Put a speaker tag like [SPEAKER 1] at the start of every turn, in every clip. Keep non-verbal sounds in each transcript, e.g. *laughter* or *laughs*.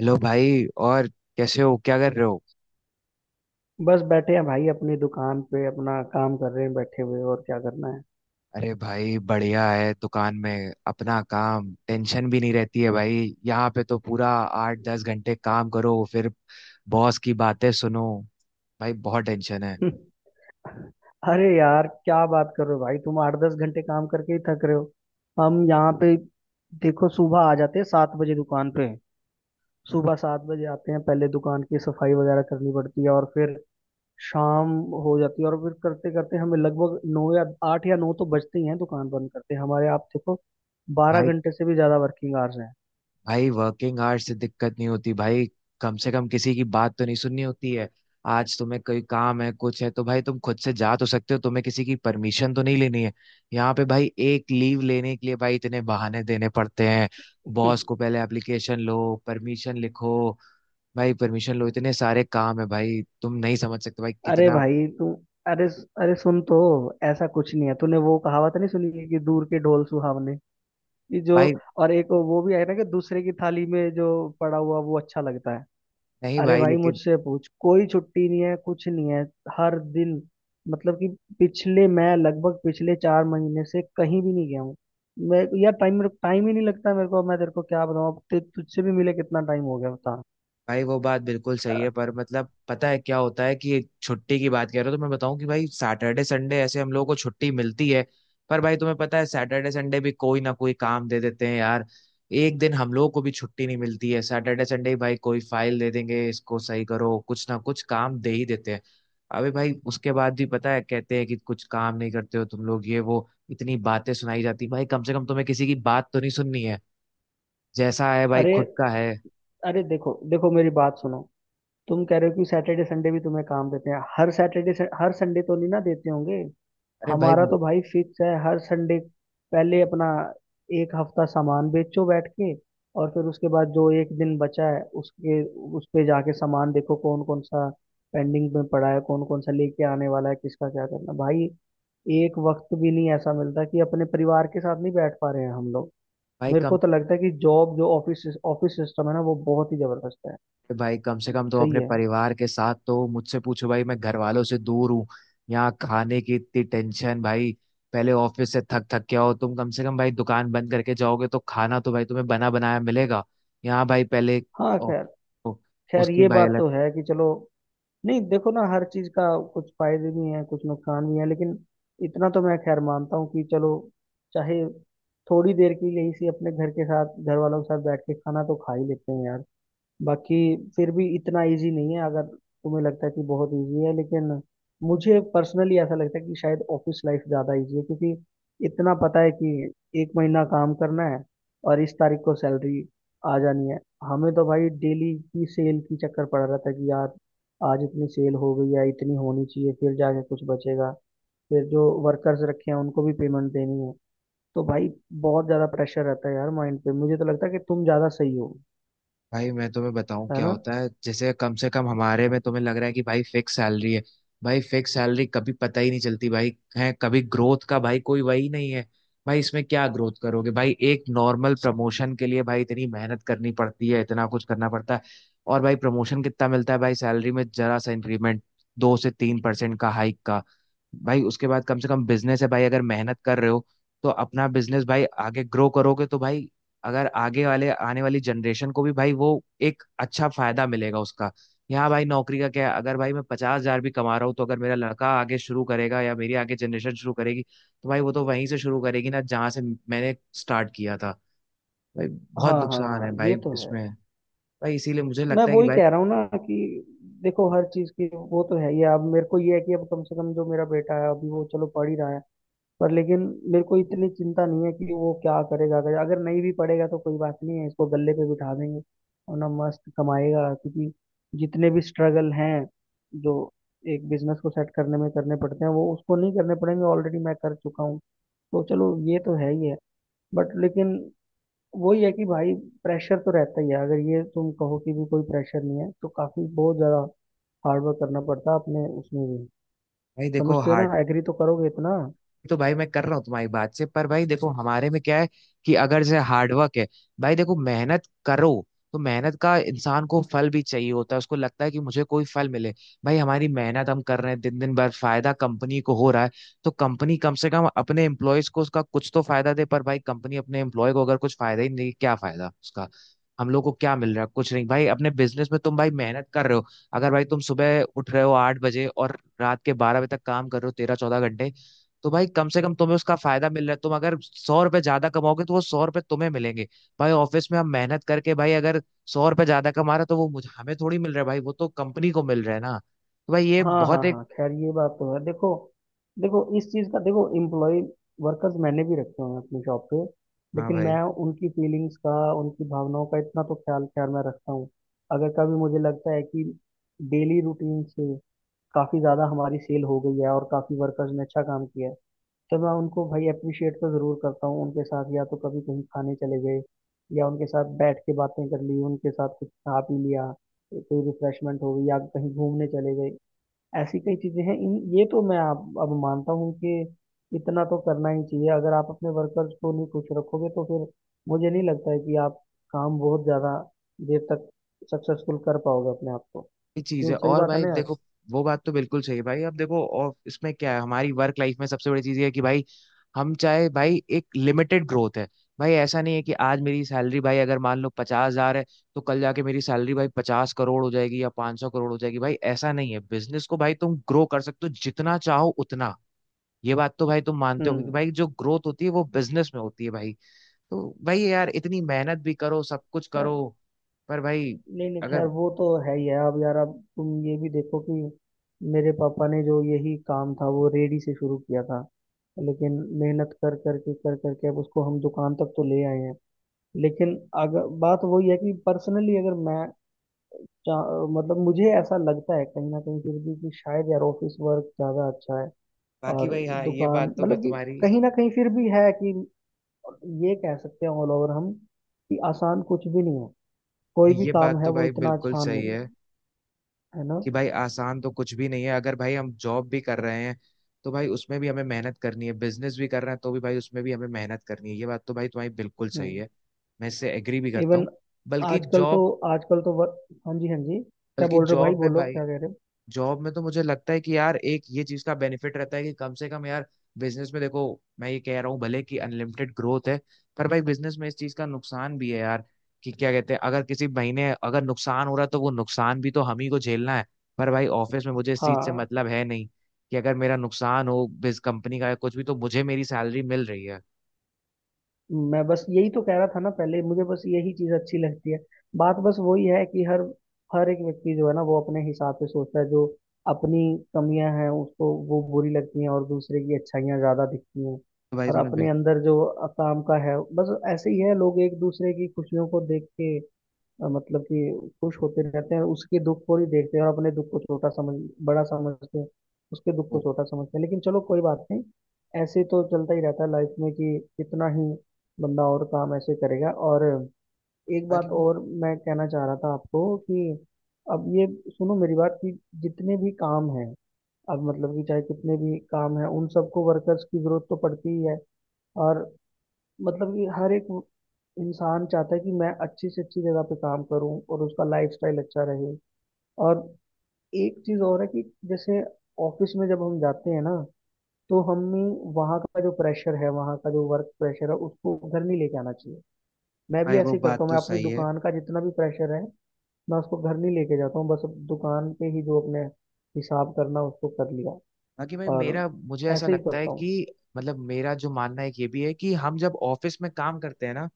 [SPEAKER 1] Hello भाई। और कैसे हो, क्या कर रहे हो?
[SPEAKER 2] बस बैठे हैं भाई। अपनी दुकान पे अपना काम कर रहे हैं, बैठे हुए, और क्या करना
[SPEAKER 1] अरे भाई बढ़िया है, दुकान में अपना काम, टेंशन भी नहीं रहती है भाई। यहाँ पे तो पूरा 8-10 घंटे काम करो, फिर बॉस की बातें सुनो। भाई बहुत टेंशन है।
[SPEAKER 2] है? *laughs* अरे यार, क्या बात कर रहे हो भाई? तुम 8-10 घंटे काम करके ही थक रहे हो? हम यहाँ पे देखो, सुबह आ जाते हैं 7 बजे दुकान पे। सुबह 7 बजे आते हैं, पहले दुकान की सफाई वगैरह करनी पड़ती है, और फिर शाम हो जाती है। और फिर करते करते हमें लगभग नौ या आठ या नौ तो बजते ही हैं दुकान बंद करते। हमारे आप देखो
[SPEAKER 1] भाई
[SPEAKER 2] 12 घंटे से भी ज्यादा वर्किंग आवर्स हैं।
[SPEAKER 1] भाई वर्किंग आवर्स से दिक्कत नहीं होती भाई, कम से कम किसी की बात तो नहीं सुननी होती है। आज तुम्हें कोई काम है, कुछ है तो भाई तुम खुद से जा तो सकते हो, तुम्हें किसी की परमिशन तो नहीं लेनी है। यहाँ पे भाई एक लीव लेने के लिए भाई इतने बहाने देने पड़ते हैं, बॉस को
[SPEAKER 2] *laughs*
[SPEAKER 1] पहले एप्लीकेशन लो, परमिशन लिखो। भाई परमिशन लो, इतने सारे काम है भाई, तुम नहीं समझ सकते भाई
[SPEAKER 2] अरे
[SPEAKER 1] कितना।
[SPEAKER 2] भाई तू अरे अरे सुन तो, ऐसा कुछ नहीं है। तूने वो कहावत नहीं सुनी है कि दूर के ढोल सुहावने? कि जो,
[SPEAKER 1] भाई
[SPEAKER 2] और एक वो भी है ना कि दूसरे की थाली में जो पड़ा हुआ वो अच्छा लगता है।
[SPEAKER 1] नहीं
[SPEAKER 2] अरे
[SPEAKER 1] भाई
[SPEAKER 2] भाई
[SPEAKER 1] लेकिन
[SPEAKER 2] मुझसे पूछ, कोई छुट्टी नहीं है, कुछ नहीं है। हर दिन मतलब कि पिछले, मैं लगभग पिछले 4 महीने से कहीं भी नहीं गया हूँ। मैं यार टाइम टाइम ही नहीं लगता मेरे को। मैं तेरे को क्या बताऊँ, अब तुझसे भी मिले कितना टाइम हो गया बता।
[SPEAKER 1] भाई वो बात बिल्कुल सही
[SPEAKER 2] अ-
[SPEAKER 1] है, पर मतलब पता है क्या होता है कि छुट्टी की बात कर रहे हो तो मैं बताऊं कि भाई सैटरडे संडे ऐसे हम लोगों को छुट्टी मिलती है। पर भाई तुम्हें पता है सैटरडे संडे भी कोई ना कोई काम दे देते हैं यार। एक दिन हम लोगों को भी छुट्टी नहीं मिलती है। सैटरडे संडे ही भाई कोई फाइल दे देंगे, इसको सही करो, कुछ ना कुछ काम दे ही देते हैं। अबे भाई उसके बाद भी पता है कहते हैं कि कुछ काम नहीं करते हो तुम लोग, ये वो इतनी बातें सुनाई जाती। भाई कम से कम तुम्हें किसी की बात तो नहीं सुननी है, जैसा है भाई
[SPEAKER 2] अरे,
[SPEAKER 1] खुद का है।
[SPEAKER 2] अरे देखो देखो मेरी बात सुनो। तुम कह रहे हो कि सैटरडे संडे भी तुम्हें काम देते हैं? हर सैटरडे हर संडे तो नहीं ना देते होंगे।
[SPEAKER 1] अरे भाई।
[SPEAKER 2] हमारा तो भाई फिक्स है हर संडे। पहले अपना एक हफ्ता सामान बेचो बैठ के, और फिर उसके बाद जो एक दिन बचा है उसके, उस पे जाके सामान देखो कौन कौन सा पेंडिंग में पड़ा है, कौन कौन सा लेके आने वाला है, किसका क्या करना भाई। एक वक्त भी नहीं ऐसा मिलता, कि अपने परिवार के साथ नहीं बैठ पा रहे हैं हम लोग।
[SPEAKER 1] भाई
[SPEAKER 2] मेरे
[SPEAKER 1] कम
[SPEAKER 2] को तो लगता है कि जॉब जो ऑफिस ऑफिस सिस्टम है ना वो बहुत ही जबरदस्त है।
[SPEAKER 1] भाई कम से कम तो
[SPEAKER 2] सही
[SPEAKER 1] अपने
[SPEAKER 2] है।
[SPEAKER 1] परिवार के साथ, तो मुझसे पूछो भाई मैं घर वालों से दूर हूँ। यहाँ खाने की इतनी टेंशन भाई। पहले ऑफिस से थक थक के आओ, तुम कम से कम भाई दुकान बंद करके जाओगे तो खाना तो भाई तुम्हें बना बनाया मिलेगा। यहाँ भाई पहले
[SPEAKER 2] हाँ खैर,
[SPEAKER 1] ऑफिस
[SPEAKER 2] खैर
[SPEAKER 1] उसकी
[SPEAKER 2] ये
[SPEAKER 1] भाई
[SPEAKER 2] बात
[SPEAKER 1] अलग
[SPEAKER 2] तो है कि चलो। नहीं, देखो ना हर चीज का कुछ फायदे भी हैं कुछ नुकसान भी हैं, लेकिन इतना तो मैं खैर मानता हूँ कि चलो, चाहे थोड़ी देर के लिए इसी अपने घर के साथ घर वालों के साथ बैठ के खाना तो खा ही लेते हैं यार। बाकी फिर भी इतना इजी नहीं है, अगर तुम्हें लगता है कि बहुत इजी है, लेकिन मुझे पर्सनली ऐसा लगता है कि शायद ऑफिस लाइफ ज़्यादा इजी है, क्योंकि इतना पता है कि एक महीना काम करना है और इस तारीख को सैलरी आ जानी है। हमें तो भाई डेली की सेल की चक्कर पड़ रहा था कि यार आज इतनी सेल हो गई है, इतनी होनी चाहिए, फिर जाके कुछ बचेगा। फिर जो वर्कर्स रखे हैं उनको भी पेमेंट देनी है। तो भाई बहुत ज़्यादा प्रेशर रहता है यार माइंड पे। मुझे तो लगता है कि तुम ज़्यादा सही हो,
[SPEAKER 1] भाई मैं तुम्हें बताऊं
[SPEAKER 2] है
[SPEAKER 1] क्या
[SPEAKER 2] ना?
[SPEAKER 1] होता है, जैसे कम से कम हमारे में तुम्हें लग रहा है कि भाई फिक्स सैलरी है। भाई फिक्स सैलरी कभी पता ही नहीं चलती भाई। है कभी ग्रोथ का भाई, कोई वही नहीं है। भाई इसमें क्या ग्रोथ करोगे? भाई एक नॉर्मल प्रमोशन के लिए भाई इतनी मेहनत करनी पड़ती है, इतना कुछ करना पड़ता है। और भाई प्रमोशन कितना मिलता है? भाई सैलरी में जरा सा इंक्रीमेंट, 2 से 3 परसेंट का हाइक का। भाई उसके बाद कम से कम बिजनेस है भाई, अगर मेहनत कर रहे हो तो अपना बिजनेस भाई आगे ग्रो करोगे तो भाई अगर आगे वाले आने वाली जनरेशन को भी भाई वो एक अच्छा फायदा मिलेगा उसका। यहाँ भाई नौकरी का क्या है? अगर भाई मैं 50,000 भी कमा रहा हूँ, तो अगर मेरा लड़का आगे शुरू करेगा या मेरी आगे जनरेशन शुरू करेगी, तो भाई वो तो वहीं से शुरू करेगी ना जहाँ से मैंने स्टार्ट किया था। भाई
[SPEAKER 2] हाँ
[SPEAKER 1] बहुत
[SPEAKER 2] हाँ
[SPEAKER 1] नुकसान है
[SPEAKER 2] हाँ, ये
[SPEAKER 1] भाई
[SPEAKER 2] तो है।
[SPEAKER 1] इसमें। भाई इसीलिए मुझे
[SPEAKER 2] मैं
[SPEAKER 1] लगता है कि
[SPEAKER 2] वही
[SPEAKER 1] भाई।
[SPEAKER 2] कह रहा हूँ ना कि देखो हर चीज की वो तो है ही। अब मेरे को ये है कि अब कम से कम जो मेरा बेटा है अभी वो चलो पढ़ ही रहा है। पर लेकिन मेरे को इतनी चिंता नहीं है कि वो क्या करेगा। अगर अगर नहीं भी पढ़ेगा तो कोई बात नहीं है, इसको गले पे बिठा देंगे और ना मस्त कमाएगा, क्योंकि जितने भी स्ट्रगल हैं जो एक बिजनेस को सेट करने में करने पड़ते हैं वो उसको नहीं करने पड़ेंगे, ऑलरेडी मैं कर चुका हूँ। तो चलो ये तो है ही है। बट लेकिन वही है कि भाई प्रेशर तो रहता ही है। अगर ये तुम कहो कि भी कोई प्रेशर नहीं है, तो काफी बहुत ज्यादा हार्ड वर्क करना पड़ता है अपने उसमें भी।
[SPEAKER 1] भाई देखो
[SPEAKER 2] समझते हो ना,
[SPEAKER 1] हार्ड
[SPEAKER 2] एग्री तो करोगे इतना?
[SPEAKER 1] तो भाई मैं कर रहा हूँ तुम्हारी बात से, पर भाई देखो हमारे में क्या है कि अगर जैसे हार्डवर्क है, भाई देखो मेहनत करो, तो मेहनत का इंसान को फल भी चाहिए होता है, उसको लगता है कि मुझे कोई फल मिले। भाई हमारी मेहनत हम कर रहे हैं दिन दिन भर, फायदा कंपनी को हो रहा है, तो कंपनी कम से कम अपने एम्प्लॉयज को उसका कुछ तो फायदा दे। पर भाई कंपनी अपने एम्प्लॉय को अगर कुछ फायदा ही नहीं देगी, क्या फायदा उसका? हम लोग को क्या मिल रहा है? कुछ नहीं। भाई अपने बिजनेस में तुम भाई मेहनत कर रहे हो, अगर भाई तुम सुबह उठ रहे हो 8 बजे और रात के 12 बजे तक काम कर रहे हो, 13-14 घंटे, तो भाई कम से कम तुम्हें उसका फायदा मिल रहा है। तुम अगर 100 रुपए ज्यादा कमाओगे तो वो 100 रुपए तुम्हें मिलेंगे। भाई ऑफिस में हम मेहनत करके भाई अगर 100 रुपए ज्यादा कमा रहे हैं, तो वो मुझे हमें थोड़ी मिल रहा है भाई, वो तो कंपनी को मिल रहा है ना। तो भाई ये
[SPEAKER 2] हाँ हाँ
[SPEAKER 1] बहुत एक।
[SPEAKER 2] हाँ खैर, ये बात तो है। देखो, देखो इस चीज का, देखो एम्प्लॉय वर्कर्स मैंने भी रखे हुए हैं अपनी शॉप पे,
[SPEAKER 1] हाँ
[SPEAKER 2] लेकिन
[SPEAKER 1] भाई
[SPEAKER 2] मैं उनकी फीलिंग्स का उनकी भावनाओं का इतना तो ख्याल खैर मैं रखता हूँ। अगर कभी मुझे लगता है कि डेली रूटीन से काफी ज्यादा हमारी सेल हो गई है और काफी वर्कर्स ने अच्छा काम किया है, तो मैं उनको भाई अप्रिशिएट तो ज़रूर करता हूँ। उनके साथ या तो कभी कहीं खाने चले गए, या उनके साथ बैठ के बातें कर ली, उनके साथ कुछ खा पी लिया, कोई रिफ्रेशमेंट हो गई, या कहीं घूमने चले गए। ऐसी कई चीज़ें हैं इन, ये तो मैं आप अब मानता हूँ कि इतना तो करना ही चाहिए। अगर आप अपने वर्कर्स को नहीं खुश रखोगे तो फिर मुझे नहीं लगता है कि आप काम बहुत ज़्यादा देर तक सक्सेसफुल कर पाओगे अपने आप को।
[SPEAKER 1] चीज
[SPEAKER 2] क्यों,
[SPEAKER 1] है।
[SPEAKER 2] सही
[SPEAKER 1] और
[SPEAKER 2] बात है
[SPEAKER 1] भाई
[SPEAKER 2] ना यार?
[SPEAKER 1] देखो वो बात तो बिल्कुल सही है भाई। अब देखो और इसमें क्या है, हमारी वर्क लाइफ में सबसे बड़ी चीज ये है कि भाई हम चाहे भाई एक लिमिटेड ग्रोथ है। भाई ऐसा नहीं है कि आज मेरी सैलरी भाई अगर मान लो 50,000 है, तो कल जाके मेरी सैलरी भाई 50 करोड़ हो जाएगी या 500 करोड़ हो जाएगी। भाई ऐसा नहीं है, बिजनेस को भाई तुम ग्रो कर सकते हो जितना चाहो उतना। ये बात तो भाई तुम मानते हो कि
[SPEAKER 2] हम्म।
[SPEAKER 1] भाई जो ग्रोथ होती है वो बिजनेस में होती है भाई। तो भाई यार इतनी मेहनत भी करो, सब कुछ करो, पर भाई
[SPEAKER 2] नहीं नहीं, खैर
[SPEAKER 1] अगर
[SPEAKER 2] वो तो है ही है। अब यार अब तुम ये भी देखो कि मेरे पापा ने जो यही काम था वो रेडी से शुरू किया था, लेकिन मेहनत कर कर के अब उसको हम दुकान तक तो ले आए हैं। लेकिन अगर बात वही है कि पर्सनली अगर मैं मतलब मुझे ऐसा लगता है कहीं ना कहीं फिर भी कि शायद यार ऑफिस वर्क ज़्यादा अच्छा है।
[SPEAKER 1] बाकी
[SPEAKER 2] और
[SPEAKER 1] भाई हाँ ये
[SPEAKER 2] दुकान
[SPEAKER 1] बात तो मैं
[SPEAKER 2] मतलब कि
[SPEAKER 1] तुम्हारी।
[SPEAKER 2] कहीं ना कहीं फिर भी है कि, ये कह सकते हैं ऑल ओवर हम कि आसान कुछ भी नहीं है। कोई
[SPEAKER 1] नहीं
[SPEAKER 2] भी
[SPEAKER 1] ये
[SPEAKER 2] काम
[SPEAKER 1] बात
[SPEAKER 2] है
[SPEAKER 1] तो
[SPEAKER 2] वो
[SPEAKER 1] भाई
[SPEAKER 2] इतना
[SPEAKER 1] बिल्कुल
[SPEAKER 2] आसान
[SPEAKER 1] सही
[SPEAKER 2] नहीं है,
[SPEAKER 1] है
[SPEAKER 2] है ना?
[SPEAKER 1] कि भाई आसान तो कुछ भी नहीं है। अगर भाई हम जॉब भी कर रहे हैं तो भाई उसमें भी हमें मेहनत करनी है, बिजनेस भी कर रहे हैं तो भी भाई उसमें भी हमें मेहनत करनी है। ये बात तो भाई तुम्हारी बिल्कुल सही
[SPEAKER 2] हम्म।
[SPEAKER 1] है, मैं इससे एग्री भी करता
[SPEAKER 2] इवन
[SPEAKER 1] हूँ। बल्कि
[SPEAKER 2] आजकल तो
[SPEAKER 1] जॉब
[SPEAKER 2] आजकल तो वर... हाँ जी हाँ जी, क्या
[SPEAKER 1] बल्कि
[SPEAKER 2] बोल रहे हो भाई,
[SPEAKER 1] जॉब में
[SPEAKER 2] बोलो
[SPEAKER 1] भाई
[SPEAKER 2] क्या कह रहे हो?
[SPEAKER 1] जॉब में तो मुझे लगता है कि यार एक ये चीज का बेनिफिट रहता है कि कम से कम यार बिजनेस में देखो मैं ये कह रहा हूँ भले कि अनलिमिटेड ग्रोथ है, पर भाई बिजनेस में इस चीज का नुकसान भी है यार कि क्या कहते हैं, अगर किसी महीने अगर नुकसान हो रहा है तो वो नुकसान भी तो हम ही को झेलना है। पर भाई ऑफिस में मुझे इस चीज से
[SPEAKER 2] हाँ,
[SPEAKER 1] मतलब है नहीं कि अगर मेरा नुकसान हो बिज कंपनी का या कुछ भी, तो मुझे मेरी सैलरी मिल रही है।
[SPEAKER 2] मैं बस यही तो कह रहा था ना पहले, मुझे बस यही चीज अच्छी लगती है। बात बस वही है कि हर हर एक व्यक्ति जो है ना वो अपने हिसाब से सोचता है, जो अपनी कमियां हैं उसको वो बुरी लगती हैं और दूसरे की अच्छाइयां ज्यादा दिखती हैं।
[SPEAKER 1] तो भाई
[SPEAKER 2] और
[SPEAKER 1] तुमने
[SPEAKER 2] अपने
[SPEAKER 1] बिल्कुल
[SPEAKER 2] अंदर जो काम का है बस ऐसे ही है। लोग एक दूसरे की खुशियों को देख के मतलब कि खुश होते रहते हैं, और उसके दुख को ही देखते हैं, और अपने दुख को छोटा समझ बड़ा समझते हैं, उसके दुख को
[SPEAKER 1] वो-
[SPEAKER 2] छोटा समझते हैं। लेकिन चलो कोई बात नहीं, ऐसे तो चलता ही रहता है लाइफ में कि इतना ही बंदा और काम ऐसे करेगा। और एक
[SPEAKER 1] बाकी
[SPEAKER 2] बात
[SPEAKER 1] भी
[SPEAKER 2] और मैं कहना चाह रहा था आपको कि अब ये सुनो मेरी बात, कि जितने भी काम हैं, अब मतलब कि चाहे कितने भी काम हैं, उन सबको वर्कर्स की जरूरत तो पड़ती ही है। और मतलब कि हर एक इंसान चाहता है कि मैं अच्छी से अच्छी जगह पे काम करूं और उसका लाइफस्टाइल अच्छा रहे। और एक चीज और है कि जैसे ऑफिस में जब हम जाते हैं ना तो हमें वहाँ का जो प्रेशर है, वहाँ का जो वर्क प्रेशर है, उसको घर नहीं लेके आना चाहिए। मैं भी
[SPEAKER 1] भाई वो
[SPEAKER 2] ऐसे ही
[SPEAKER 1] बात
[SPEAKER 2] करता हूँ,
[SPEAKER 1] तो
[SPEAKER 2] मैं अपनी
[SPEAKER 1] सही है।
[SPEAKER 2] दुकान का जितना भी प्रेशर है मैं उसको घर नहीं लेके जाता हूँ। बस दुकान पे ही जो अपने हिसाब करना उसको कर लिया,
[SPEAKER 1] बाकी भाई
[SPEAKER 2] और
[SPEAKER 1] मेरा, मुझे ऐसा
[SPEAKER 2] ऐसे ही
[SPEAKER 1] लगता है
[SPEAKER 2] करता हूँ।
[SPEAKER 1] कि मतलब मेरा जो मानना है एक ये भी है कि हम जब ऑफिस में काम करते हैं ना,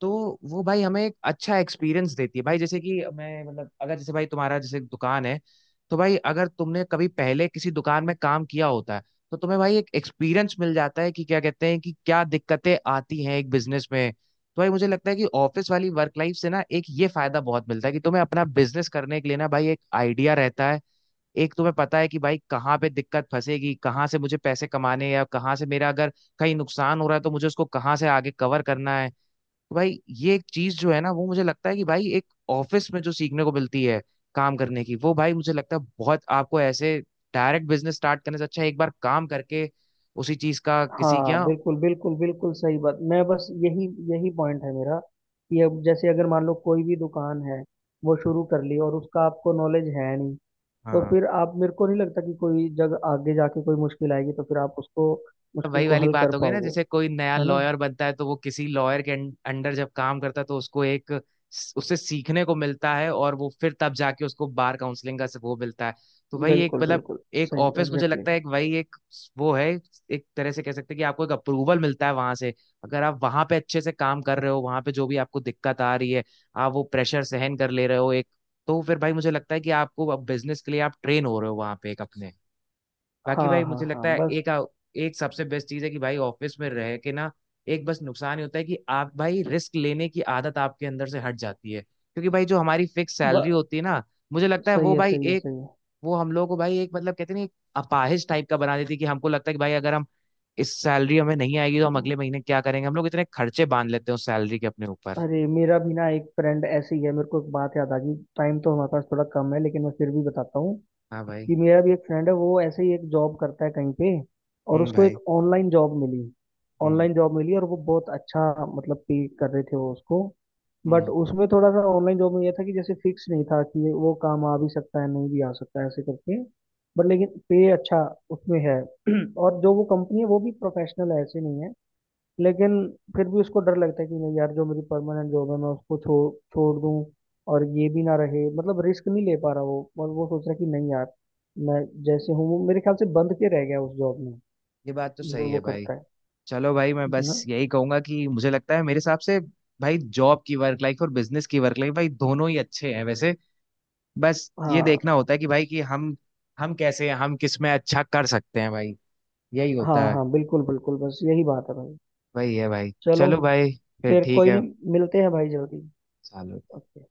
[SPEAKER 1] तो वो भाई हमें एक अच्छा एक्सपीरियंस देती है भाई। जैसे कि मैं मतलब अगर जैसे भाई तुम्हारा जैसे दुकान है, तो भाई अगर तुमने कभी पहले किसी दुकान में काम किया होता है तो तुम्हें भाई एक एक्सपीरियंस मिल जाता है कि क्या कहते हैं कि क्या दिक्कतें आती हैं एक बिजनेस में। तो भाई मुझे लगता है कि ऑफिस वाली वर्क लाइफ से ना एक ये फायदा बहुत मिलता है कि तुम्हें अपना बिजनेस करने के लिए ना भाई एक आइडिया रहता है। एक तुम्हें पता है कि भाई कहाँ पे दिक्कत फंसेगी, कहाँ से मुझे पैसे कमाने हैं, या कहाँ से मेरा अगर कहीं नुकसान हो रहा है तो मुझे उसको कहाँ से आगे कवर करना है। तो भाई ये एक चीज जो है ना, वो मुझे लगता है कि भाई एक ऑफिस में जो सीखने को मिलती है काम करने की, वो भाई मुझे लगता है बहुत, आपको ऐसे डायरेक्ट बिजनेस स्टार्ट करने से अच्छा है एक बार काम करके उसी चीज का किसी
[SPEAKER 2] हाँ
[SPEAKER 1] क्या।
[SPEAKER 2] बिल्कुल बिल्कुल बिल्कुल सही बात। मैं बस यही, यही पॉइंट है मेरा कि अब जैसे अगर मान लो कोई भी दुकान है वो शुरू कर ली और उसका आपको नॉलेज है नहीं, तो फिर आप, मेरे को नहीं लगता कि कोई जगह आगे जाके कोई मुश्किल आएगी तो फिर आप उसको
[SPEAKER 1] तो
[SPEAKER 2] मुश्किल
[SPEAKER 1] वही
[SPEAKER 2] को
[SPEAKER 1] वाली
[SPEAKER 2] हल कर
[SPEAKER 1] बात हो गई ना,
[SPEAKER 2] पाओगे।
[SPEAKER 1] जैसे कोई नया
[SPEAKER 2] है ना?
[SPEAKER 1] लॉयर बनता है तो वो किसी लॉयर के अंडर जब काम करता है तो उसको एक उससे सीखने को मिलता है, और वो फिर तब जाके उसको बार काउंसलिंग का से वो मिलता है। तो वही एक
[SPEAKER 2] बिल्कुल
[SPEAKER 1] मतलब
[SPEAKER 2] बिल्कुल,
[SPEAKER 1] एक
[SPEAKER 2] सही
[SPEAKER 1] ऑफिस, मुझे
[SPEAKER 2] एग्जैक्टली।
[SPEAKER 1] लगता है एक वही एक वो है। एक तरह से कह सकते हैं कि आपको एक अप्रूवल मिलता है वहां से। अगर आप वहां पे अच्छे से काम कर रहे हो, वहां पे जो भी आपको दिक्कत आ रही है, आप वो प्रेशर सहन कर ले रहे हो एक, तो फिर भाई मुझे लगता है कि आपको अब बिजनेस के लिए आप ट्रेन हो रहे हो वहां पे एक अपने। बाकी
[SPEAKER 2] हाँ
[SPEAKER 1] भाई
[SPEAKER 2] हाँ
[SPEAKER 1] मुझे
[SPEAKER 2] हाँ,
[SPEAKER 1] लगता है
[SPEAKER 2] बस
[SPEAKER 1] एक, एक सबसे बेस्ट चीज है कि भाई ऑफिस में रह के ना, एक बस नुकसान ही होता है कि आप भाई रिस्क लेने की आदत आपके अंदर से हट जाती है, क्योंकि भाई जो हमारी फिक्स
[SPEAKER 2] ब,
[SPEAKER 1] सैलरी होती है ना, मुझे लगता है
[SPEAKER 2] सही
[SPEAKER 1] वो
[SPEAKER 2] है
[SPEAKER 1] भाई
[SPEAKER 2] सही है
[SPEAKER 1] एक,
[SPEAKER 2] सही है।
[SPEAKER 1] वो हम लोगों को भाई एक मतलब कहते हैं ना एक अपाहिज टाइप का बना देती है। कि हमको लगता है कि भाई अगर हम इस सैलरी हमें नहीं आएगी तो हम
[SPEAKER 2] हम्म,
[SPEAKER 1] अगले महीने क्या करेंगे, हम लोग इतने खर्चे बांध लेते हैं उस सैलरी के अपने ऊपर।
[SPEAKER 2] अरे मेरा भी ना एक फ्रेंड ऐसे ही है, मेरे को एक बात याद आ गई। टाइम तो हमारे पास थोड़ा कम है लेकिन मैं फिर भी बताता हूँ
[SPEAKER 1] हाँ भाई।
[SPEAKER 2] कि मेरा भी एक फ्रेंड है, वो ऐसे ही एक जॉब करता है कहीं पे, और उसको
[SPEAKER 1] भाई।
[SPEAKER 2] एक ऑनलाइन जॉब मिली।
[SPEAKER 1] हम्म।
[SPEAKER 2] ऑनलाइन जॉब मिली और वो बहुत अच्छा मतलब पे कर रहे थे वो उसको।
[SPEAKER 1] हम्म
[SPEAKER 2] बट
[SPEAKER 1] हम्म
[SPEAKER 2] उसमें थोड़ा सा ऑनलाइन जॉब में ये था कि जैसे फिक्स नहीं था कि वो काम आ भी सकता है नहीं भी आ सकता है ऐसे करके। बट लेकिन पे अच्छा उसमें है। *clears throat* और जो वो कंपनी है वो भी प्रोफेशनल है, ऐसे नहीं है। लेकिन फिर भी उसको डर लगता है कि नहीं यार जो मेरी परमानेंट जॉब है मैं उसको छोड़ छोड़ दूं और ये भी ना रहे, मतलब रिस्क नहीं ले पा रहा वो। और वो सोच रहा है कि नहीं यार मैं जैसे हूँ वो, मेरे ख्याल से बंद के रह गया उस जॉब में
[SPEAKER 1] ये बात तो
[SPEAKER 2] जो
[SPEAKER 1] सही है
[SPEAKER 2] वो
[SPEAKER 1] भाई।
[SPEAKER 2] करता है
[SPEAKER 1] चलो भाई, मैं
[SPEAKER 2] ना।
[SPEAKER 1] बस यही कहूंगा कि मुझे लगता है मेरे हिसाब से भाई जॉब की वर्क लाइफ और बिजनेस की वर्क लाइफ भाई दोनों ही अच्छे हैं वैसे। बस ये
[SPEAKER 2] हाँ
[SPEAKER 1] देखना होता है कि भाई कि हम कैसे हैं, हम किस में अच्छा कर सकते हैं भाई, यही
[SPEAKER 2] हाँ
[SPEAKER 1] होता है।
[SPEAKER 2] हाँ, बिल्कुल बिल्कुल, बस यही बात है भाई।
[SPEAKER 1] वही है भाई,
[SPEAKER 2] चलो,
[SPEAKER 1] चलो भाई फिर
[SPEAKER 2] फिर
[SPEAKER 1] ठीक
[SPEAKER 2] कोई
[SPEAKER 1] है।
[SPEAKER 2] नहीं, मिलते हैं भाई जल्दी।
[SPEAKER 1] चलो।
[SPEAKER 2] ओके।